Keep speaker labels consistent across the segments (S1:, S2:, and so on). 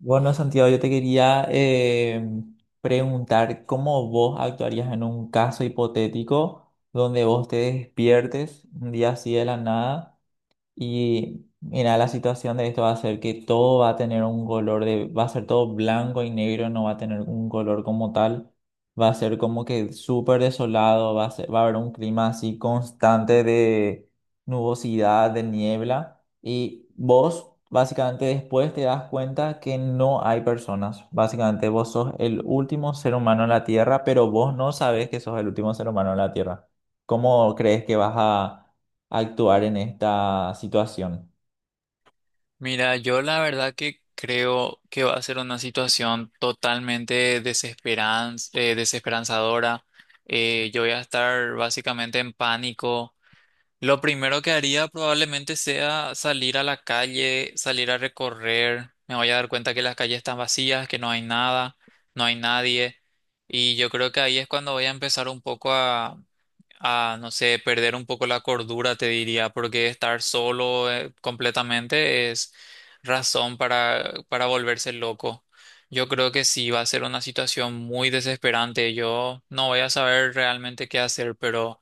S1: Bueno, Santiago, yo te quería preguntar cómo vos actuarías en un caso hipotético donde vos te despiertes un día así de la nada. Y mira, la situación de esto va a ser que todo va a tener un color de, va a ser todo blanco y negro, no va a tener un color como tal. Va a ser como que súper desolado, va a haber un clima así constante de nubosidad, de niebla. Y vos, básicamente, después te das cuenta que no hay personas. Básicamente, vos sos el último ser humano en la Tierra, pero vos no sabes que sos el último ser humano en la Tierra. ¿Cómo crees que vas a actuar en esta situación?
S2: Mira, yo la verdad que creo que va a ser una situación totalmente desesperanzadora. Yo voy a estar básicamente en pánico. Lo primero que haría probablemente sea salir a la calle, salir a recorrer. Me voy a dar cuenta que las calles están vacías, que no hay nada, no hay nadie. Y yo creo que ahí es cuando voy a empezar un poco a, no sé, perder un poco la cordura, te diría, porque estar solo completamente es razón para volverse loco. Yo creo que sí, va a ser una situación muy desesperante. Yo no voy a saber realmente qué hacer, pero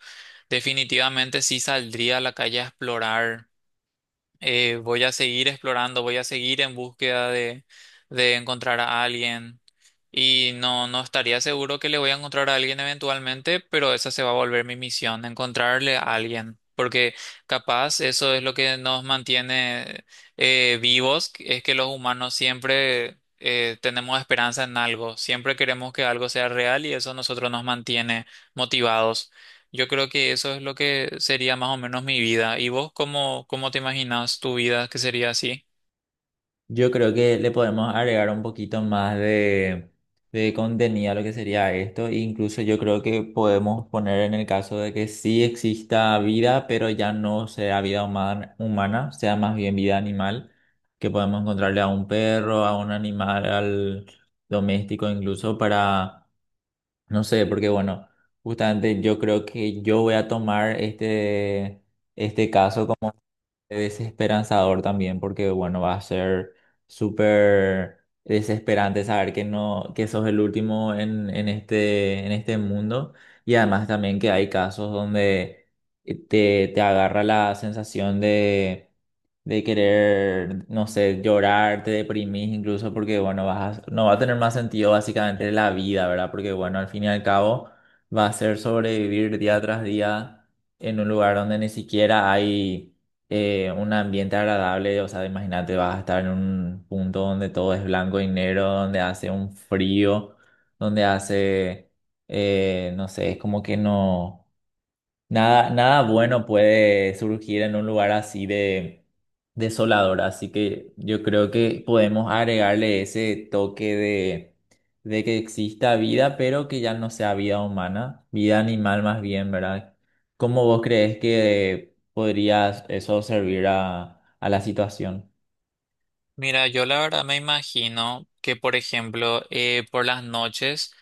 S2: definitivamente sí saldría a la calle a explorar, voy a seguir explorando, voy a seguir en búsqueda de encontrar a alguien. Y no, no estaría seguro que le voy a encontrar a alguien eventualmente, pero esa se va a volver mi misión, encontrarle a alguien. Porque capaz eso es lo que nos mantiene vivos, es que los humanos siempre tenemos esperanza en algo, siempre queremos que algo sea real y eso a nosotros nos mantiene motivados. Yo creo que eso es lo que sería más o menos mi vida. ¿Y vos cómo, cómo te imaginas tu vida que sería así?
S1: Yo creo que le podemos agregar un poquito más de contenido a lo que sería esto. Incluso yo creo que podemos poner en el caso de que sí exista vida, pero ya no sea vida humana, humana, sea más bien vida animal, que podemos encontrarle a un perro, a un animal, al doméstico incluso para, no sé, porque bueno, justamente yo creo que yo voy a tomar este caso desesperanzador también porque, bueno, va a ser súper desesperante saber que no, que sos el último en en este mundo y además también que hay casos donde te agarra la sensación de querer, no sé, llorar, te deprimís incluso porque, bueno, no va a tener más sentido básicamente la vida, ¿verdad? Porque, bueno, al fin y al cabo va a ser sobrevivir día tras día en un lugar donde ni siquiera hay un ambiente agradable, o sea, imagínate, vas a estar en un punto donde todo es blanco y negro, donde hace un frío, donde hace, no sé, es como que no. Nada, nada bueno puede surgir en un lugar así de desolador, así que yo creo que podemos agregarle ese toque de que exista vida, pero que ya no sea vida humana, vida animal más bien, ¿verdad? ¿Cómo vos crees que podría eso servir a la situación?
S2: Mira, yo la verdad me imagino que, por ejemplo, por las noches,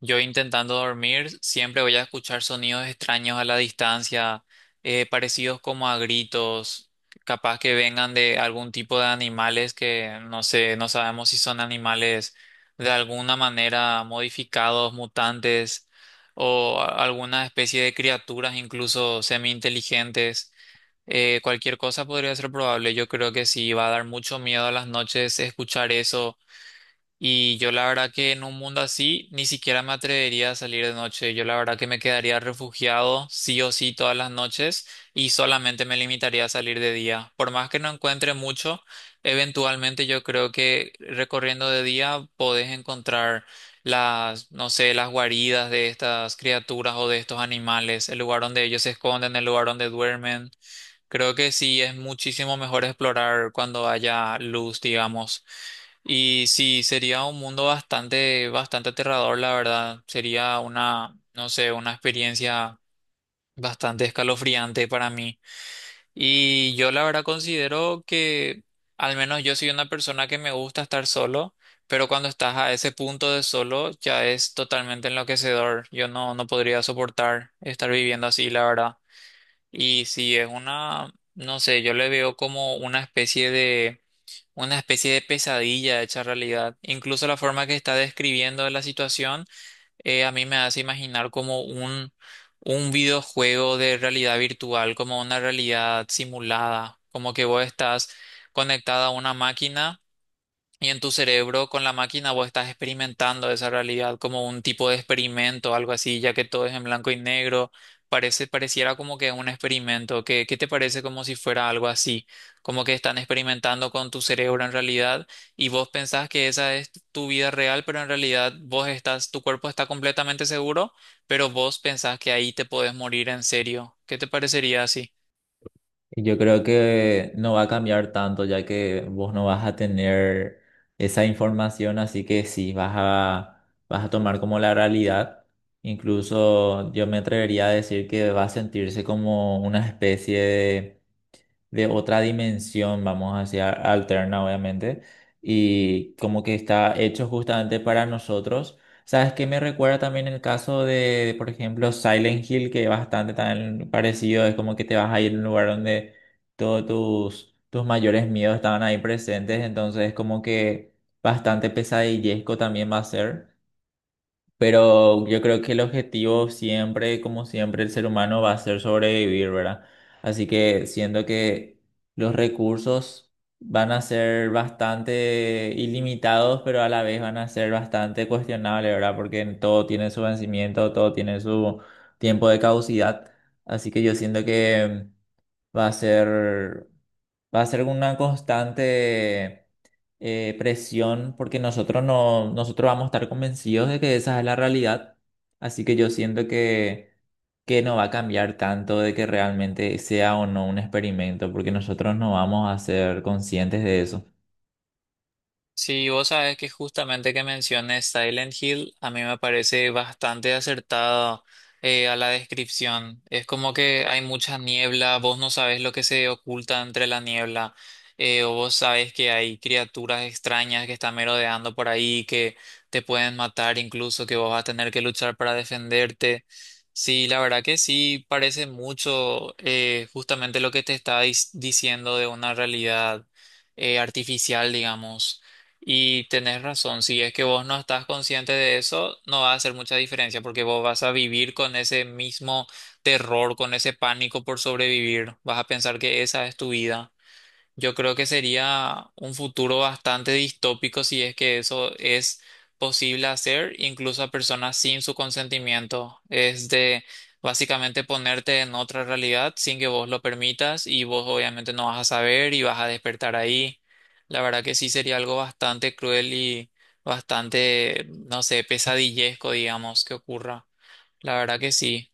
S2: yo intentando dormir, siempre voy a escuchar sonidos extraños a la distancia, parecidos como a gritos, capaz que vengan de algún tipo de animales que no sé, no sabemos si son animales de alguna manera modificados, mutantes o alguna especie de criaturas incluso semi-inteligentes. Cualquier cosa podría ser probable. Yo creo que sí, va a dar mucho miedo a las noches escuchar eso. Y yo la verdad que en un mundo así ni siquiera me atrevería a salir de noche. Yo la verdad que me quedaría refugiado sí o sí todas las noches y solamente me limitaría a salir de día. Por más que no encuentre mucho, eventualmente yo creo que recorriendo de día podés encontrar las, no sé, las guaridas de estas criaturas o de estos animales, el lugar donde ellos se esconden, el lugar donde duermen. Creo que sí es muchísimo mejor explorar cuando haya luz, digamos. Y sí, sería un mundo bastante, bastante aterrador, la verdad. Sería una, no sé, una experiencia bastante escalofriante para mí. Y yo la verdad considero que, al menos yo soy una persona que me gusta estar solo, pero cuando estás a ese punto de solo ya es totalmente enloquecedor. Yo no, no podría soportar estar viviendo así, la verdad. Y si es una, no sé, yo le veo como una especie de pesadilla hecha realidad. Incluso la forma que está describiendo la situación, a mí me hace imaginar como un videojuego de realidad virtual, como una realidad simulada, como que vos estás conectada a una máquina y en tu cerebro, con la máquina, vos estás experimentando esa realidad como un tipo de experimento, algo así, ya que todo es en blanco y negro. Parece, pareciera como que es un experimento. ¿Qué, qué te parece como si fuera algo así? Como que están experimentando con tu cerebro en realidad y vos pensás que esa es tu vida real, pero en realidad vos estás, tu cuerpo está completamente seguro, pero vos pensás que ahí te podés morir en serio. ¿Qué te parecería así?
S1: Yo creo que no va a cambiar tanto, ya que vos no vas a tener esa información, así que sí, vas a tomar como la realidad. Incluso yo me atrevería a decir que va a sentirse como una especie de otra dimensión, vamos a decir, alterna, obviamente, y como que está hecho justamente para nosotros. ¿Sabes qué me recuerda también el caso de, por ejemplo, Silent Hill, que es bastante tan parecido? Es como que te vas a ir a un lugar donde tus mayores miedos estaban ahí presentes, entonces es como que bastante pesadillesco también va a ser. Pero yo creo que el objetivo siempre, como siempre, el ser humano va a ser sobrevivir, ¿verdad? Así que siendo que los recursos van a ser bastante ilimitados, pero a la vez van a ser bastante cuestionables, ¿verdad? Porque todo tiene su vencimiento, todo tiene su tiempo de caducidad. Así que yo siento que va a ser, va a ser una constante presión porque nosotros no, nosotros vamos a estar convencidos de que esa es la realidad. Así que yo siento que no va a cambiar tanto de que realmente sea o no un experimento, porque nosotros no vamos a ser conscientes de eso.
S2: Sí, vos sabes que justamente que menciones Silent Hill, a mí me parece bastante acertado a la descripción. Es como que hay mucha niebla, vos no sabes lo que se oculta entre la niebla, o vos sabes que hay criaturas extrañas que están merodeando por ahí, que te pueden matar, incluso que vos vas a tener que luchar para defenderte. Sí, la verdad que sí, parece mucho justamente lo que te está diciendo de una realidad artificial, digamos. Y tenés razón, si es que vos no estás consciente de eso, no va a hacer mucha diferencia porque vos vas a vivir con ese mismo terror, con ese pánico por sobrevivir, vas a pensar que esa es tu vida. Yo creo que sería un futuro bastante distópico si es que eso es posible hacer, incluso a personas sin su consentimiento. Es de básicamente ponerte en otra realidad sin que vos lo permitas y vos obviamente no vas a saber y vas a despertar ahí. La verdad que sí sería algo bastante cruel y bastante, no sé, pesadillesco, digamos, que ocurra. La verdad que sí.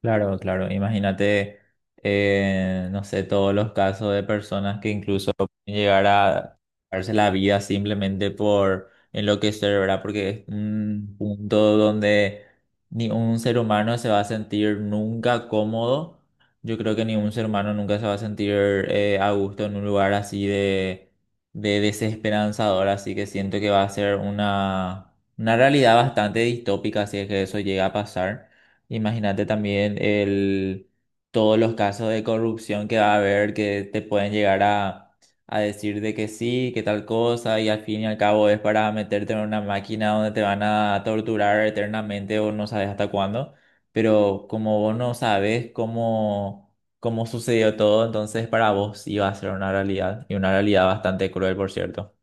S1: Claro, claro. Imagínate, no sé, todos los casos de personas que incluso pueden llegar a darse la vida simplemente por enloquecer, ¿verdad? Porque es un punto donde ni un ser humano se va a sentir nunca cómodo. Yo creo que ningún ser humano nunca se va a sentir a gusto en un lugar así de desesperanzador. Así que siento que va a ser una realidad bastante distópica si es que eso llega a pasar. Imagínate también el, todos los casos de corrupción que va a haber que te pueden llegar a decir de que sí, que tal cosa, y al fin y al cabo es para meterte en una máquina donde te van a torturar eternamente o no sabes hasta cuándo. Pero como vos no sabes cómo sucedió todo, entonces para vos iba a ser una realidad, y una realidad bastante cruel, por cierto.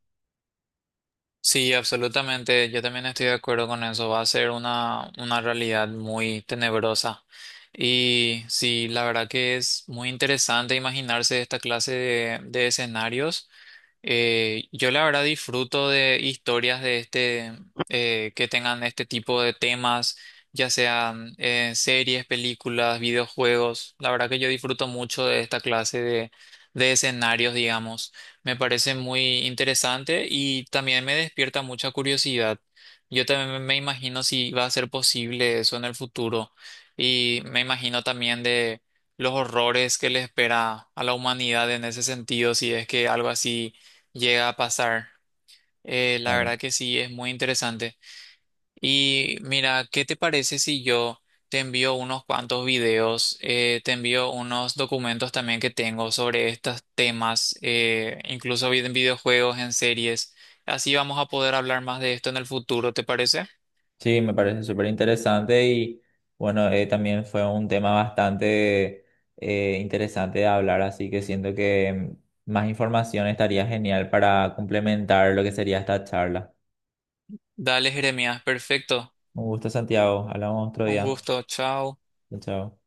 S2: Sí, absolutamente. Yo también estoy de acuerdo con eso. Va a ser una realidad muy tenebrosa. Y sí, la verdad que es muy interesante imaginarse esta clase de escenarios. Yo la verdad disfruto de historias de este, que tengan este tipo de temas, ya sean series, películas, videojuegos. La verdad que yo disfruto mucho de esta clase de escenarios, digamos. Me parece muy interesante y también me despierta mucha curiosidad. Yo también me imagino si va a ser posible eso en el futuro y me imagino también de los horrores que le espera a la humanidad en ese sentido, si es que algo así llega a pasar. La verdad que sí, es muy interesante. Y mira, ¿qué te parece si yo te envío unos cuantos videos, te envío unos documentos también que tengo sobre estos temas, incluso en videojuegos, en series? Así vamos a poder hablar más de esto en el futuro, ¿te parece?
S1: Sí, me parece súper interesante y bueno, también fue un tema bastante interesante de hablar, así que siento que más información estaría genial para complementar lo que sería esta charla.
S2: Dale, Jeremías, perfecto.
S1: Un gusto, Santiago. Hablamos otro
S2: Un
S1: día.
S2: gusto, chao.
S1: Chao, chao.